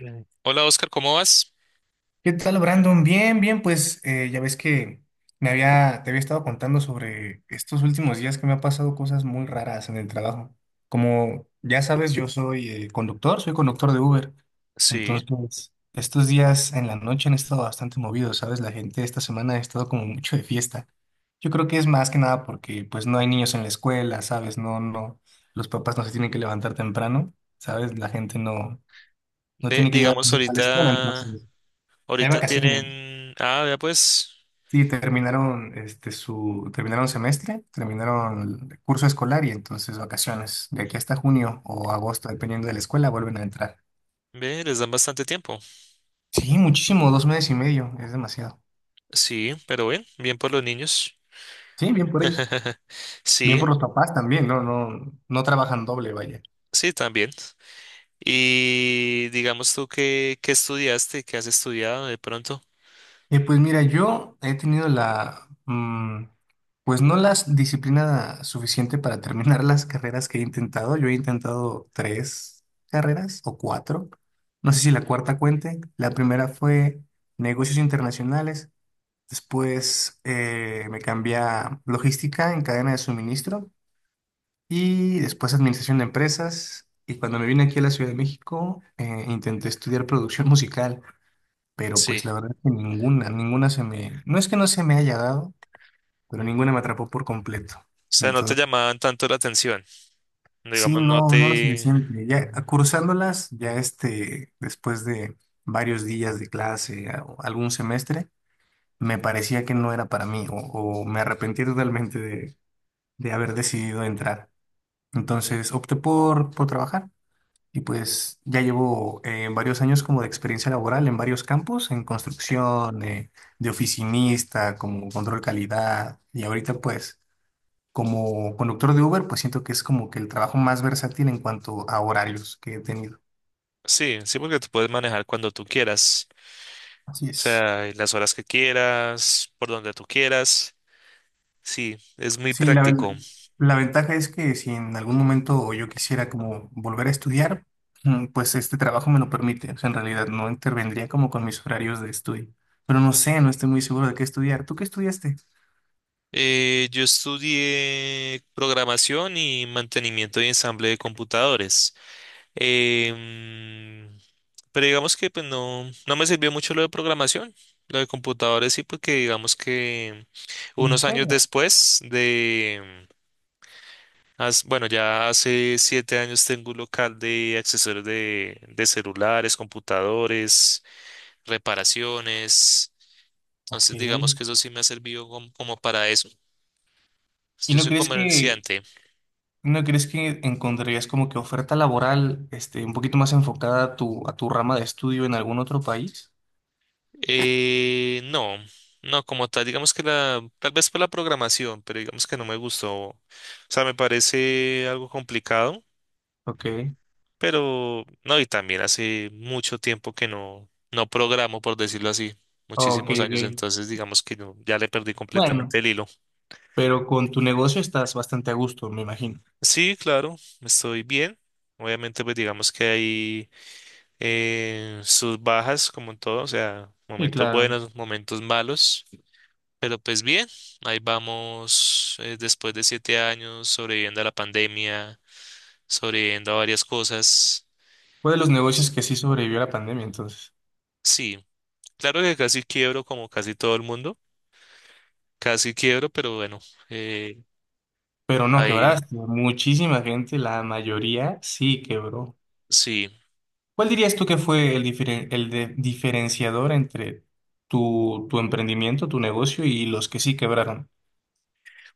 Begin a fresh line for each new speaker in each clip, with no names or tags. Mm. Hola Oscar, ¿cómo vas?
¿Qué tal, Brandon? Bien, bien, pues ya ves que te había estado contando sobre estos últimos días que me han pasado cosas muy raras en el trabajo. Como ya sabes, yo soy conductor de Uber.
Sí,
Entonces, estos días en la noche han estado bastante movidos, ¿sabes? La gente esta semana ha estado como mucho de fiesta. Yo creo que es más que nada porque pues no hay niños en la escuela, ¿sabes? No, no, los papás no se tienen que levantar temprano, ¿sabes? La gente no, no
ve,
tiene que llevar a
digamos
sus hijos a la escuela,
ahorita,
entonces hay
ahorita
vacaciones.
tienen, ah, vea pues,
Sí, terminaron este su terminaron semestre, terminaron el curso escolar y entonces vacaciones. De aquí hasta junio o agosto, dependiendo de la escuela, vuelven a entrar.
ve, les dan bastante tiempo.
Sí, muchísimo, 2 meses y medio, es demasiado.
Sí, pero bien, bien por los niños.
Sí, bien por ellos. Bien
Sí,
por los papás también, no, no, no trabajan doble, vaya.
sí, también. Y digamos tú qué, qué estudiaste, qué has estudiado de pronto.
Pues mira, yo he tenido pues no la disciplina suficiente para terminar las carreras que he intentado. Yo he intentado tres carreras o cuatro. No sé si la cuarta cuente. La primera fue negocios internacionales. Después me cambié a logística en cadena de suministro y después administración de empresas. Y cuando me vine aquí a la Ciudad de México, intenté estudiar producción musical, pero
Sí,
pues la verdad es que ninguna se me, no es que no se me haya dado, pero ninguna me atrapó por completo.
o sea, no te
Entonces,
llamaban tanto la atención.
sí,
Digamos, no
no, no lo
te...
suficiente. Ya cursándolas, ya después de varios días de clase o algún semestre, me parecía que no era para mí o me arrepentí totalmente de, haber decidido entrar. Entonces, opté por trabajar. Y pues ya llevo varios años como de experiencia laboral en varios campos, en construcción, de oficinista, como control calidad. Y ahorita pues como conductor de Uber, pues siento que es como que el trabajo más versátil en cuanto a horarios que he tenido.
Sí, sí, porque tú puedes manejar cuando tú quieras.
Así
O
es.
sea, y las horas que quieras, por donde tú quieras. Sí, es muy
Sí,
práctico.
la ventaja es que si en algún momento yo quisiera como volver a estudiar, pues este trabajo me lo permite. O sea, en realidad no intervendría como con mis horarios de estudio. Pero no sé, no estoy muy seguro de qué estudiar. ¿Tú qué estudiaste?
Yo estudié programación y mantenimiento y ensamble de computadores. Em, pero digamos que pues no, no me sirvió mucho lo de programación. Lo de computadores sí, porque digamos que
¿En
unos años
serio?
después de, bueno, ya hace 7 años tengo un local de accesorios de celulares, computadores, reparaciones.
Ok.
Entonces digamos
¿Y
que eso sí me ha servido como como para eso. Pues, yo
no
soy
crees que
comerciante.
no crees que encontrarías como que oferta laboral un poquito más enfocada a tu rama de estudio en algún otro país?
No, no, como tal, digamos que la, tal vez por la programación, pero digamos que no me gustó. O sea, me parece algo complicado,
Ok.
pero no, y también hace mucho tiempo que no programo, por decirlo así,
Oh, ok,
muchísimos años,
ok.
entonces digamos que no, ya le perdí
Bueno,
completamente el hilo.
pero con tu negocio estás bastante a gusto, me imagino.
Sí, claro, estoy bien. Obviamente, pues digamos que hay sus bajas, como en todo, o sea,
Sí,
momentos
claro.
buenos, momentos malos. Pero pues bien, ahí vamos después de 7 años sobreviviendo a la pandemia, sobreviviendo a varias cosas.
Fue de los negocios
S-
que sí sobrevivió a la pandemia, entonces.
Sí, claro que casi quiebro como casi todo el mundo, casi quiebro, pero bueno, eh,
Pero no
ahí
quebraste. Muchísima gente, la mayoría sí quebró.
sí.
¿Cuál dirías tú que fue el diferenciador entre tu emprendimiento, tu negocio y los que sí quebraron?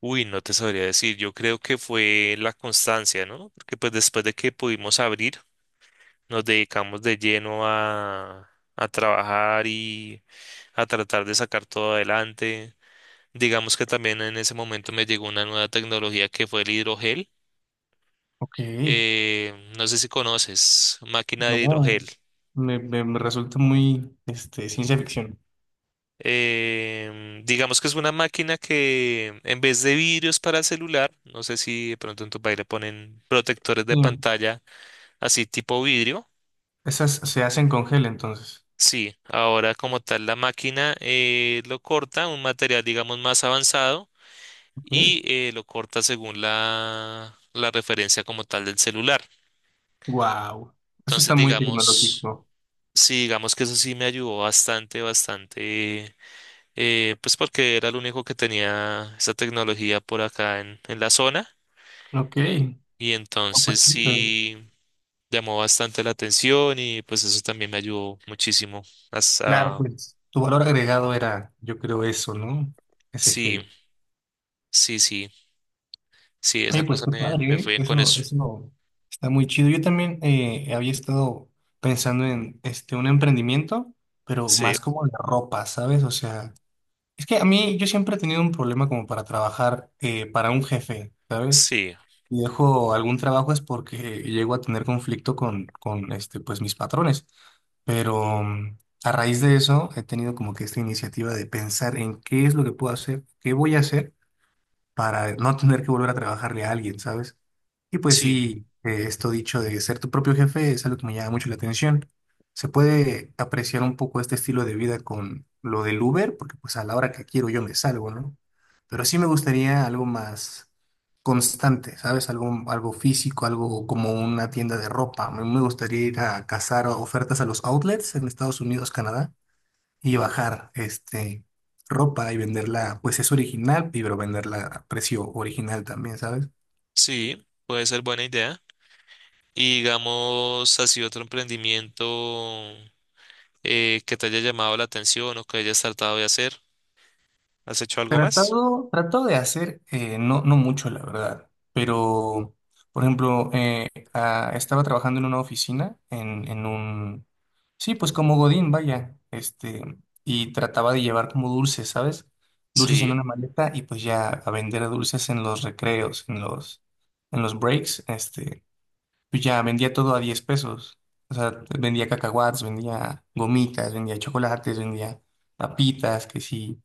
Uy, no te sabría decir, yo creo que fue la constancia, ¿no? Porque pues después de que pudimos abrir, nos dedicamos de lleno a trabajar y a tratar de sacar todo adelante. Digamos que también en ese momento me llegó una nueva tecnología que fue el hidrogel.
Ok,
No sé si conoces, máquina de hidrogel.
no, me resulta muy ciencia ficción.
Digamos que es una máquina que en vez de vidrios para celular, no sé si de pronto en tu país le ponen protectores de
Sí,
pantalla así tipo vidrio.
esas se hacen con gel entonces.
Sí, ahora como tal la máquina lo corta, un material digamos más avanzado
Ok,
y lo corta según la, la referencia como tal del celular.
wow, eso
Entonces
está muy
digamos...
tecnológico.
Sí, digamos que eso sí me ayudó bastante, bastante, pues porque era el único que tenía esa tecnología por acá en la zona
Ok,
y
oh,
entonces
pues sí, pero-
sí llamó bastante la atención y pues eso también me ayudó muchísimo.
claro,
Hasta,
pues tu valor agregado era, yo creo, eso, ¿no? Ese
sí,
gel.
sí, sí, sí,
Oye,
esa
pues
cosa
qué
me, me
padre, ¿eh?
fue bien con
Eso,
eso.
eso está muy chido. Yo también había estado pensando en un emprendimiento, pero
Sí,
más como de ropa, ¿sabes? O sea. Es que a mí yo siempre he tenido un problema como para trabajar para un jefe, ¿sabes?
sí,
Y dejo algún trabajo es porque llego a tener conflicto con pues, mis patrones. Pero a raíz de eso he tenido como que esta iniciativa de pensar en qué es lo que puedo hacer, qué voy a hacer para no tener que volver a trabajarle a alguien, ¿sabes? Y pues
sí,
sí, esto dicho de ser tu propio jefe es algo que me llama mucho la atención. Se puede apreciar un poco este estilo de vida con lo del Uber, porque pues a la hora que quiero yo me salgo, ¿no? Pero sí me gustaría algo más constante, ¿sabes? Algo, algo físico, algo como una tienda de ropa. Me gustaría ir a cazar ofertas a los outlets en Estados Unidos, Canadá y bajar ropa y venderla, pues es original, pero venderla a precio original también, ¿sabes?
sí, puede ser buena idea. Y digamos, así otro emprendimiento que te haya llamado la atención o que hayas tratado de hacer. ¿Has hecho algo más?
Tratado, tratado de hacer, no, no mucho, la verdad, pero, por ejemplo, estaba trabajando en una oficina, sí, pues como Godín, vaya, y trataba de llevar como dulces, ¿sabes? Dulces en
Sí,
una maleta y pues ya a vender dulces en los recreos, en los breaks. Pues ya vendía todo a 10 pesos. O sea, vendía cacahuates, vendía gomitas, vendía chocolates, vendía papitas, que sí,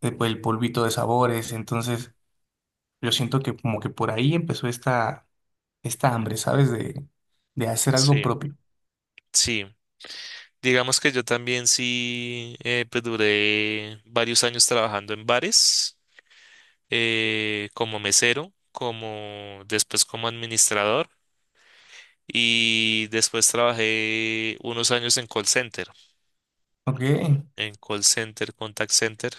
después el polvito de sabores. Entonces, yo siento que como que por ahí empezó esta hambre, ¿sabes? De hacer algo
sí,
propio.
sí. Digamos que yo también sí, pues duré varios años trabajando en bares, como mesero, como después como administrador y después trabajé unos años
Ok.
en call center, contact center.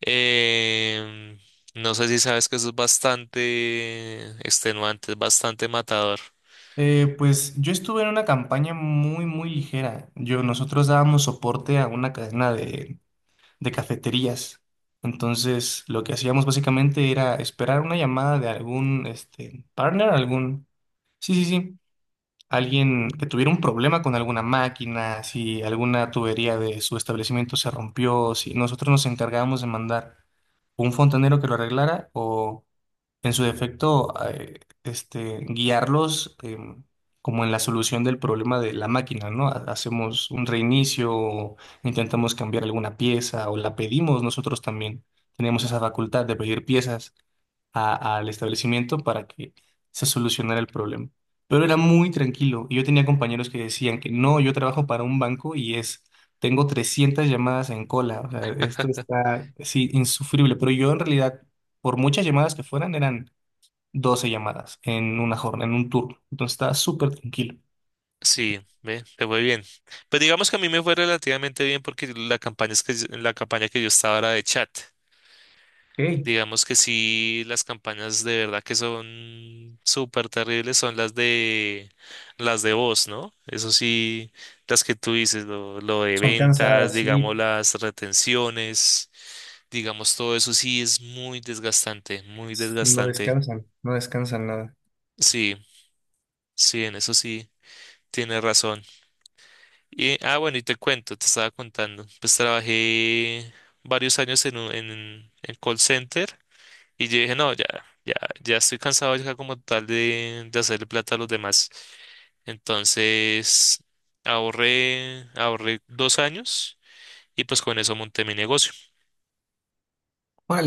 Em, no sé si sabes que eso es bastante extenuante, es bastante matador.
Pues yo estuve en una campaña muy, muy ligera. Nosotros dábamos soporte a una cadena de cafeterías. Entonces, lo que hacíamos básicamente era esperar una llamada de algún partner, algún, sí, sí, sí, alguien que tuviera un problema con alguna máquina. Si alguna tubería de su establecimiento se rompió, si nosotros nos encargábamos de mandar un fontanero que lo arreglara o en su defecto, guiarlos como en la solución del problema de la máquina, ¿no? Hacemos un reinicio, o intentamos cambiar alguna pieza o la pedimos nosotros también. Tenemos esa facultad de pedir piezas al establecimiento para que se solucionara el problema. Pero era muy tranquilo. Yo tenía compañeros que decían que no, yo trabajo para un banco y es... Tengo 300 llamadas en cola, o sea, esto está, sí, insufrible. Pero yo en realidad por muchas llamadas que fueran, eran 12 llamadas en una jornada, en un turno. Entonces está súper tranquilo.
Sí, ve, te fue bien. Pues digamos que a mí me fue relativamente bien porque la campaña, es que, la campaña que yo estaba era de chat.
Ok,
Digamos que sí, las campañas de verdad que son súper terribles son las de voz, ¿no? Eso sí, las que tú dices, lo de
son
ventas,
cansadas, sí,
digamos las retenciones, digamos todo eso sí es muy desgastante, muy
y no
desgastante.
descansan, no descansan nada.
Sí, sí, en eso sí, tienes razón. Y, ah, bueno, y te cuento, te estaba contando. Pues trabajé varios años en, en call center y yo dije, no, ya, ya, ya estoy cansado ya como tal de hacerle plata a los demás. Entonces ahorré, ahorré 2 años y pues con eso monté mi negocio.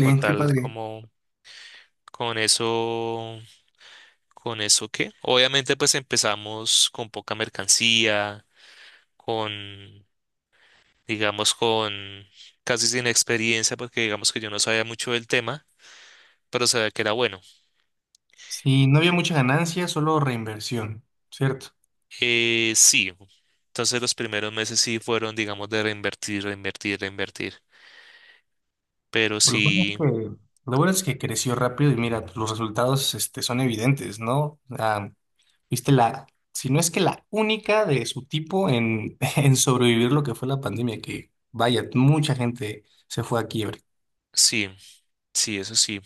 Con
qué
tal
padre.
como, con eso, con eso qué. Obviamente pues empezamos con poca mercancía, con... digamos, con casi sin experiencia, porque digamos que yo no sabía mucho del tema, pero sabía que era bueno.
Sí, no había mucha ganancia, solo reinversión, ¿cierto?
Sí, entonces los primeros meses sí fueron, digamos, de reinvertir, reinvertir, reinvertir, pero
Lo bueno es
sí,
que, lo bueno es que creció rápido y mira, pues, los resultados son evidentes, ¿no? Ah, viste si no es que la única de su tipo en, en sobrevivir lo que fue la pandemia, que vaya, mucha gente se fue a quiebre.
sí, sí, eso sí.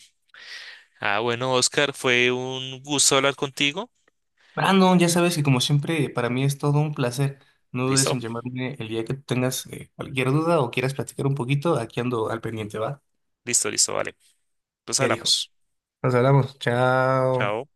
Ah, bueno, Oscar, fue un gusto hablar contigo.
Brandon, ya sabes que como siempre, para mí es todo un placer. No dudes
Listo,
en llamarme el día que tengas cualquier duda o quieras platicar un poquito. Aquí ando al pendiente, ¿va?
listo, listo, vale. Pues
Ya dijo.
hablamos.
Nos hablamos. Chao.
Chao.